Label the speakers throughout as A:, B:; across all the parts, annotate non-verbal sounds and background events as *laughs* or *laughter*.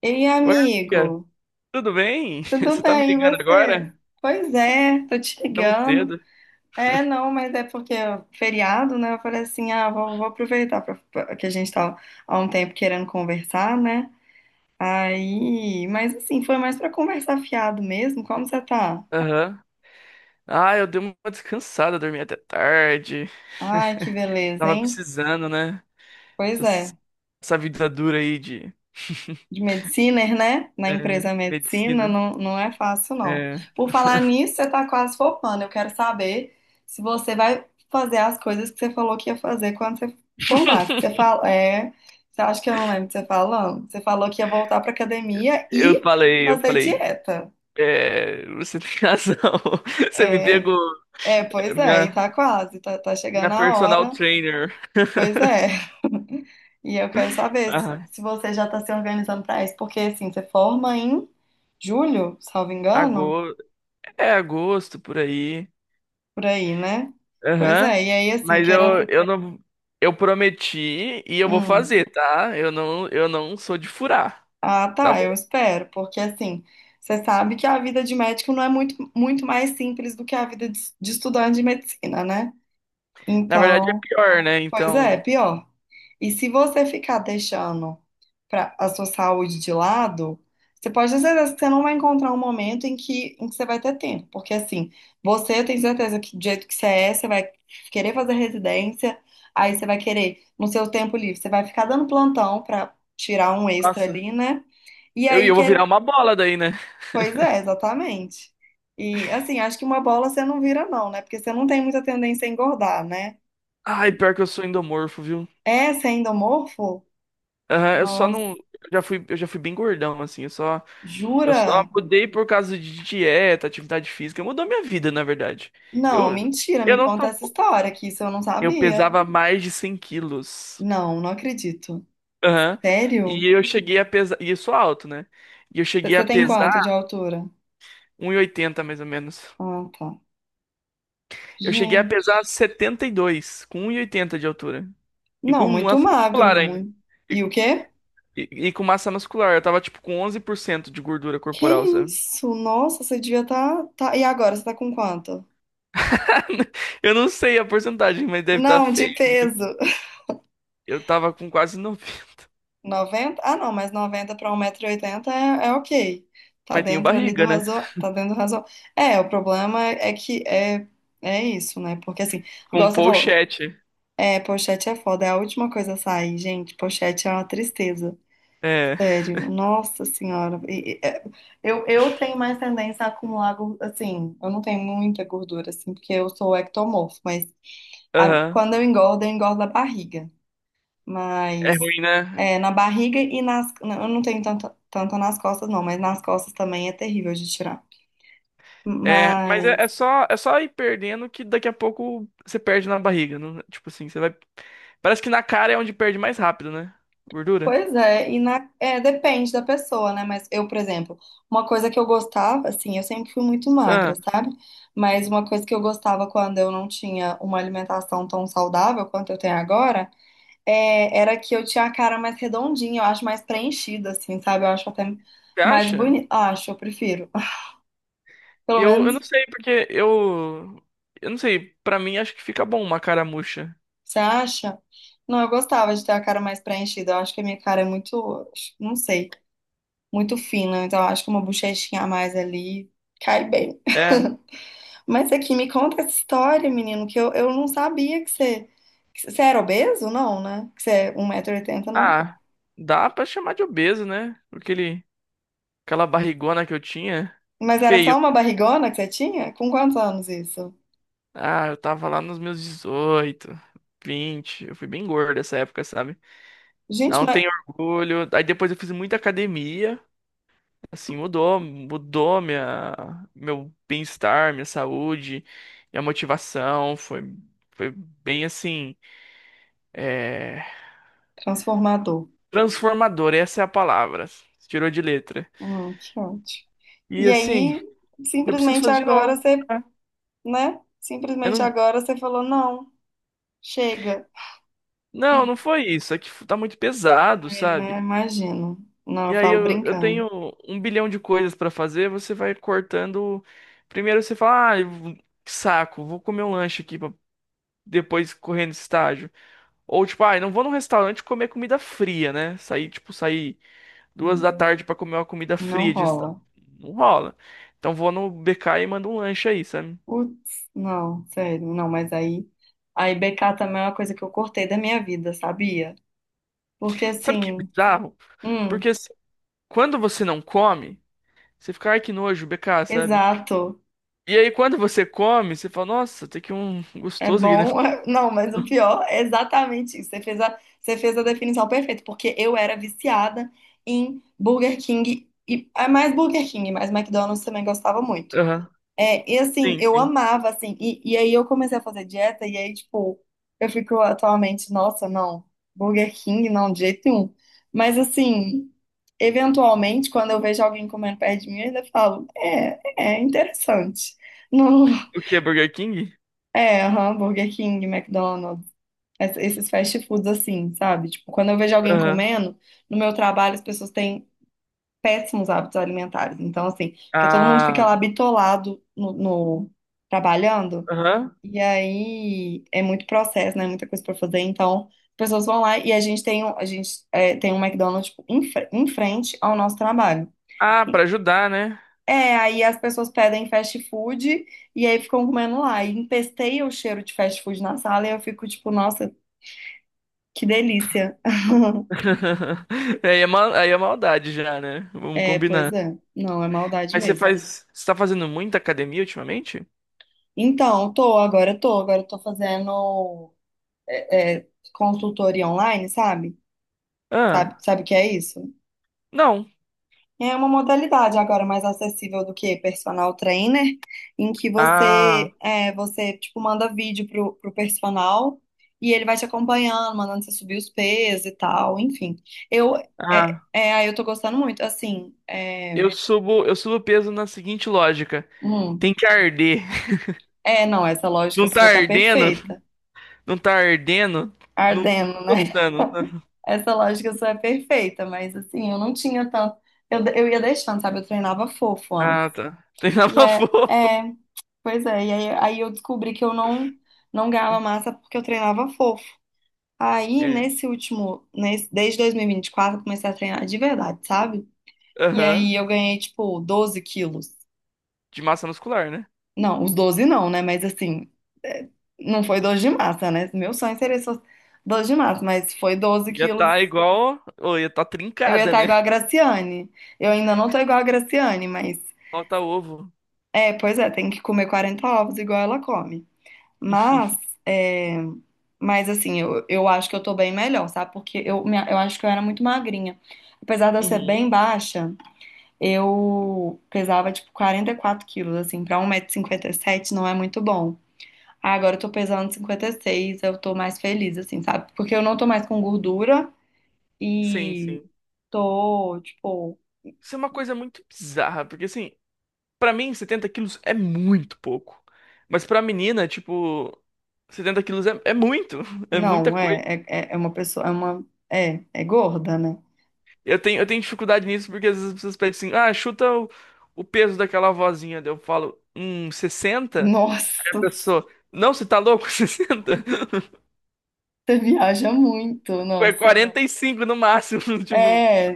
A: Ei,
B: Oi, amiga.
A: amigo,
B: Tudo bem? *laughs*
A: tudo
B: Você tá me
A: bem, e
B: ligando
A: você?
B: agora?
A: Pois é, tô te
B: Tão
A: ligando.
B: cedo.
A: É, não, mas é porque é feriado, né? Eu falei assim, ah, vou aproveitar que a gente tá há um tempo querendo conversar, né? Aí, mas assim, foi mais pra conversar fiado mesmo. Como você tá?
B: Aham. Ah, eu dei uma descansada, dormi até tarde.
A: Ai, que
B: *laughs*
A: beleza,
B: Tava
A: hein?
B: precisando, né?
A: Pois
B: Essas-
A: é.
B: Essa, vida dura aí de *laughs*
A: De medicina, né? Na
B: é,
A: empresa medicina,
B: medicina.
A: não, não é fácil, não.
B: É.
A: Por falar nisso, você tá quase formando. Eu quero saber se você vai fazer as coisas que você falou que ia fazer quando você formasse. Você
B: *laughs*
A: fala, você acha que eu não lembro de você tá falando? Você falou que ia voltar pra academia
B: Eu
A: e
B: falei, eu
A: fazer
B: falei,
A: dieta.
B: é, você tem razão. *laughs* Você me
A: É,
B: pegou, é,
A: pois é, e
B: minha,
A: tá quase, tá
B: minha
A: chegando a
B: personal
A: hora.
B: trainer.
A: Pois
B: *laughs*
A: é. *laughs* E eu quero saber se,
B: Ah,
A: se você já está se organizando para isso, porque assim, você forma em julho, salvo engano?
B: agosto, é agosto por aí.
A: Por aí, né? Pois
B: Aham.
A: é, e aí assim,
B: Mas
A: que era.
B: eu não. Eu prometi e eu vou
A: Hum.
B: fazer, tá? Eu não sou de furar,
A: Ah,
B: tá
A: tá, eu
B: bom?
A: espero, porque assim, você sabe que a vida de médico não é muito, muito mais simples do que a vida de estudante de medicina, né?
B: Na verdade é
A: Então,
B: pior, né?
A: pois é,
B: Então.
A: pior. E se você ficar deixando a sua saúde de lado, você pode ter certeza que você não vai encontrar um momento em que você vai ter tempo. Porque, assim, você tem certeza que do jeito que você é, você vai querer fazer residência, aí você vai querer, no seu tempo livre, você vai ficar dando plantão pra tirar um extra
B: Nossa.
A: ali, né? E
B: Eu, e
A: aí,
B: eu vou virar
A: quer...
B: uma bola daí, né?
A: pois é, exatamente. E, assim, acho que uma bola você não vira, não, né? Porque você não tem muita tendência a engordar, né?
B: Ai, pior que eu sou endomorfo, viu?
A: É, você é endomorfo?
B: Aham, eu só
A: Nossa.
B: não. Eu já fui bem gordão, assim. Eu só
A: Jura?
B: mudei por causa de dieta, atividade física. Mudou minha vida, na verdade. Eu,
A: Não, mentira,
B: eu
A: me
B: não
A: conta
B: sou.
A: essa história, que isso eu não
B: Eu
A: sabia.
B: pesava mais de 100 quilos.
A: Não, não acredito.
B: Aham.
A: Sério?
B: E eu cheguei a pesar. E eu sou alto, né? E eu cheguei a
A: Você tem
B: pesar
A: quanto de altura?
B: 1,80 mais ou menos.
A: Ah, tá.
B: Eu cheguei a pesar
A: Gente.
B: 72 com 1,80 de altura. E
A: Não,
B: com
A: muito
B: massa
A: magro,
B: muscular ainda.
A: muito.
B: E,
A: E o quê?
B: e com massa muscular. Eu tava tipo com 11% de gordura
A: Que
B: corporal, sabe?
A: isso? Nossa, você devia estar. E agora, você tá com quanto?
B: *laughs* Eu não sei a porcentagem, mas deve estar
A: Não, de
B: feio.
A: peso. *laughs*
B: Eu tava com quase noventa,
A: 90. Ah, não, mas 90 para um 1,80 m é ok. Tá
B: mas tenho
A: dentro ali do
B: barriga, né?
A: razo... Tá dentro do razo... É, o problema é que é isso, né? Porque assim,
B: Com
A: igual
B: um
A: você falou.
B: pochete.
A: É, pochete é foda, é a última coisa a sair, gente. Pochete é uma tristeza,
B: É.
A: sério. Nossa senhora. Eu tenho mais tendência a acumular, assim, eu não tenho muita gordura, assim, porque eu sou ectomorfo, mas
B: Aham.
A: quando eu engordo a barriga.
B: É
A: Mas
B: ruim, né?
A: é, na barriga e nas. Eu não tenho tanto, tanto nas costas, não, mas nas costas também é terrível de tirar.
B: É, mas é, é
A: Mas.
B: só é só ir perdendo que daqui a pouco você perde na barriga, não- Tipo assim, você vai. Parece que na cara é onde perde mais rápido, né? Gordura.
A: Pois é, depende da pessoa, né? Mas eu, por exemplo, uma coisa que eu gostava, assim, eu sempre fui muito magra,
B: Ah,
A: sabe? Mas uma coisa que eu gostava quando eu não tinha uma alimentação tão saudável quanto eu tenho agora, era que eu tinha a cara mais redondinha, eu acho mais preenchida, assim, sabe? Eu acho até
B: você
A: mais
B: acha?
A: bonita. Acho, eu prefiro. *laughs* Pelo
B: Eu
A: menos,
B: não sei, porque eu. Eu não sei, pra mim acho que fica bom uma cara murcha.
A: você acha? Não, eu gostava de ter a cara mais preenchida. Eu acho que a minha cara é muito, não sei, muito fina. Então, eu acho que uma bochechinha a mais ali cai bem.
B: É.
A: Mas aqui, me conta essa história, menino, que eu não sabia que você era obeso, não, né? Que você é 1,80 m não.
B: Ah, dá pra chamar de obeso, né? Aquele, aquela barrigona que eu tinha.
A: Mas era só
B: Feio.
A: uma barrigona que você tinha? Com quantos anos isso?
B: Ah, eu tava lá nos meus 18, 20. Eu fui bem gordo essa época, sabe?
A: Gente,
B: Não
A: mas...
B: tenho orgulho. Aí depois eu fiz muita academia, assim, mudou minha, meu bem-estar, minha saúde, minha motivação. Foi bem assim, é,
A: Transformador.
B: transformador, essa é a palavra. Tirou de letra.
A: Que ótimo.
B: E
A: E
B: assim,
A: aí,
B: eu preciso
A: simplesmente
B: fazer de
A: agora
B: novo,
A: você,
B: né?
A: né?
B: Eu
A: Simplesmente
B: não,
A: agora você falou, não, chega,
B: não, não foi isso. É que tá muito pesado,
A: né?
B: sabe?
A: Imagino. Não,
B: E
A: eu
B: aí
A: falo
B: eu
A: brincando.
B: tenho um bilhão de coisas pra fazer, você vai cortando. Primeiro você fala, que saco, vou comer um lanche aqui. Depois correndo estágio. Ou tipo, ah, eu não vou num restaurante comer comida fria, né? Sair, tipo, sair duas da tarde pra comer uma comida
A: Não
B: fria de restaurante.
A: rola.
B: Não rola. Então vou no BK e mando um lanche aí, sabe?
A: Putz, não, sério, não, mas aí. Aí BK também é uma coisa que eu cortei da minha vida, sabia? Porque
B: Sabe o que é
A: assim,
B: bizarro?
A: hum,
B: Porque assim, quando você não come, você fica, ai que nojo, BK, sabe?
A: exato,
B: E aí quando você come, você fala, nossa, tem aqui um
A: é
B: gostoso aqui, né?
A: bom. *laughs* Não, mas o pior é exatamente isso. Você fez a definição perfeita, porque eu era viciada em Burger King e é mais Burger King, mas McDonald's também gostava muito.
B: Aham.
A: É, e assim,
B: Sim,
A: eu
B: sim.
A: amava, assim, e aí eu comecei a fazer dieta, e aí, tipo, eu fico atualmente, nossa, não, Burger King, não, de jeito nenhum. Mas assim, eventualmente, quando eu vejo alguém comendo perto de mim, eu ainda falo, é interessante. Não,
B: O que é Burger King?
A: aham, Burger King, McDonald's, esses fast foods assim, sabe? Tipo, quando eu vejo alguém
B: Aham.
A: comendo, no meu trabalho as pessoas têm péssimos hábitos alimentares. Então, assim, porque todo mundo fica lá
B: Ah,
A: bitolado trabalhando.
B: aham.
A: E aí é muito processo, né? Muita coisa pra fazer. Então, as pessoas vão lá e a gente tem, um- a gente, é, tem um McDonald's tipo, em, em frente ao nosso trabalho.
B: Ah, pra ajudar, né?
A: É, aí as pessoas pedem fast food e aí ficam comendo lá. E empesteia o cheiro de fast food na sala e eu fico tipo, nossa, que delícia.
B: *laughs* Aí é, mal, aí é maldade já, né? Vamos
A: É, pois
B: combinar.
A: é. Não, é maldade
B: Mas você
A: mesmo.
B: faz. Você tá fazendo muita academia ultimamente?
A: Então, agora eu tô fazendo é, consultoria online, sabe? Sabe,
B: Ah,
A: sabe o que é isso?
B: não.
A: É uma modalidade agora mais acessível do que personal trainer, em que
B: Ah,
A: você tipo manda vídeo pro personal e ele vai te acompanhando, mandando você subir os pesos e tal, enfim. Eu é,
B: ah.
A: é, aí eu tô gostando muito, assim,
B: Eu subo peso na seguinte lógica.
A: hum,
B: Tem que arder. *laughs*
A: não, essa lógica
B: Não tá
A: sua tá
B: ardendo?
A: perfeita.
B: Não tá ardendo? Não, não tô
A: Ardendo, né?
B: gostando.
A: *laughs*
B: *laughs*
A: Essa lógica sua é perfeita, mas assim, eu não tinha tanto, eu ia deixando, sabe? Eu treinava fofo antes.
B: Ah, tá.
A: E
B: Treinava *laughs*
A: é,
B: fogo.
A: é. Pois é, aí eu descobri que eu não ganhava massa porque eu treinava fofo. Aí,
B: É.
A: desde 2024, eu comecei a treinar de verdade, sabe? E
B: Aham.
A: aí eu ganhei, tipo, 12 quilos.
B: De massa muscular, né?
A: Não, os 12 não, né? Mas assim, é, não foi 12 de massa, né? Meu sonho seria só 12 de massa, mas foi 12
B: Ia
A: quilos.
B: tá igual. Ou ia tá
A: Eu ia
B: trincada,
A: estar
B: né?
A: igual a Graciane. Eu ainda não tô igual a Graciane, mas.
B: Falta ovo.
A: É, pois é, tem que comer 40 ovos igual ela come. Mas, é, mas assim, eu acho que eu tô bem melhor, sabe? Porque eu acho que eu era muito magrinha. Apesar de eu ser
B: Uhum.
A: bem baixa, eu pesava tipo 44 quilos, assim, pra 1,57 m não é muito bom. Ah, agora eu tô pesando 56, eu tô mais feliz, assim, sabe? Porque eu não tô mais com gordura
B: Sim,
A: e
B: sim.
A: tô, tipo,
B: Isso é uma coisa muito bizarra, porque assim, pra mim 70 quilos é muito pouco. Mas pra menina, tipo, 70 quilos é, é muito, *laughs* é muita
A: não, é,
B: coisa.
A: é, é é uma pessoa, é gorda, né?
B: Eu tenho dificuldade nisso, porque às vezes as pessoas pedem assim, ah, chuta o peso daquela vozinha. Daí eu falo, 60. Aí a
A: Nossa,
B: pessoa, não, você tá louco? *laughs* 60.
A: *laughs* você viaja muito,
B: É
A: nossa.
B: 45 no máximo, *laughs* tipo,
A: É,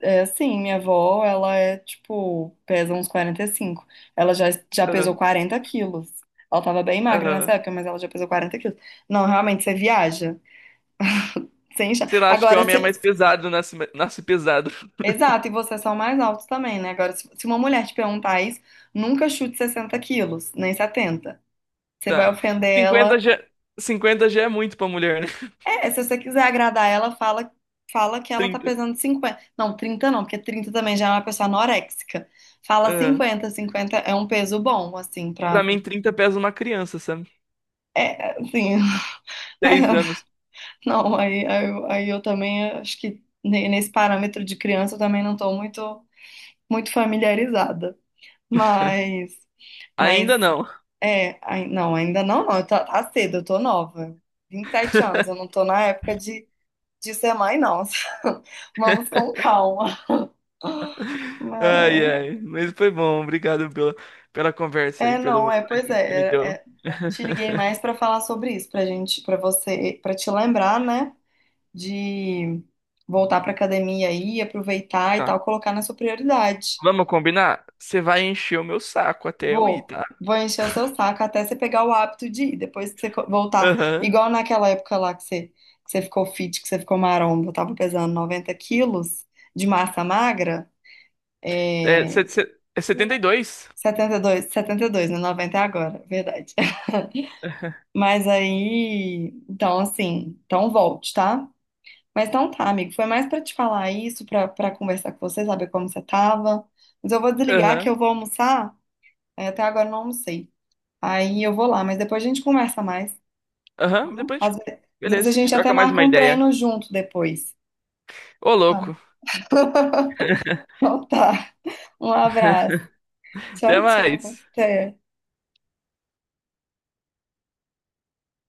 A: é assim, minha avó, ela é tipo, pesa uns 45. Ela já pesou
B: aham,
A: 40 quilos. Ela tava bem magra nessa
B: aham.
A: época, mas ela já pesou 40 quilos. Não, realmente, você viaja. Você enche...
B: Sei lá, acho que o homem é mais pesado, nasce pesado. *laughs*
A: Exato, e vocês são mais altos também, né? Agora, se uma mulher te perguntar isso, nunca chute 60 quilos, nem 70. Você vai
B: Tá.
A: ofender
B: 50
A: ela.
B: já, 50 já é muito pra mulher, né?
A: É, se você quiser agradar ela, fala que
B: *laughs*
A: ela tá
B: 30.
A: pesando 50. Não, 30 não, porque 30 também já é uma pessoa anoréxica. Fala
B: É.
A: 50. Cinquenta é um peso bom, assim,
B: Pra
A: pra.
B: mim, 30 pesa uma criança, sabe?
A: É, assim. *laughs* é,
B: 10 anos.
A: Não, aí eu também acho que nesse parâmetro de criança eu também não tô muito, muito familiarizada.
B: *laughs*
A: Mas, mas,
B: Ainda não.
A: não, ainda não, não, tá cedo, eu tô nova. 27 anos, eu não
B: *laughs*
A: tô na época de ser mãe, não. *laughs* Vamos com calma.
B: Ai,
A: Mas...
B: ai. Mas foi bom. Obrigado pela, pela conversa aí,
A: É,
B: pelo
A: não, é, pois
B: ânimo que você me
A: é, é,
B: deu.
A: é. Te liguei mais pra falar sobre isso, pra gente, pra você, pra te lembrar, né, de voltar pra academia aí, aproveitar e
B: Tá.
A: tal, colocar na sua prioridade.
B: Vamos combinar? Você vai encher o meu saco até eu ir,
A: Vou,
B: tá?
A: vou encher o seu saco até você pegar o hábito de ir, depois que você voltar,
B: Aham.
A: igual naquela época lá que você ficou fit, que você ficou maromba, eu tava pesando 90 quilos de massa magra,
B: É,
A: é,
B: é 72?
A: 72, 72, né, 90 é agora, verdade.
B: Aham.
A: Mas aí, então assim, então volte, tá? Mas então tá, amigo, foi mais pra te falar isso, pra para conversar com você, saber como você tava. Mas eu vou
B: *laughs*
A: desligar que
B: Aham.
A: eu vou almoçar. É, até agora eu não almocei. Aí eu vou lá, mas depois a gente conversa mais, tá
B: Aham.
A: bom?
B: Depois a gente...
A: Às vezes, a
B: Beleza. A gente
A: gente até
B: troca mais
A: marca
B: uma
A: um
B: ideia.
A: treino junto depois.
B: Ô,
A: Tá.
B: louco.
A: *laughs*
B: *laughs*
A: Então tá. Um abraço.
B: Até
A: Tchau, tchau.
B: mais.
A: Até.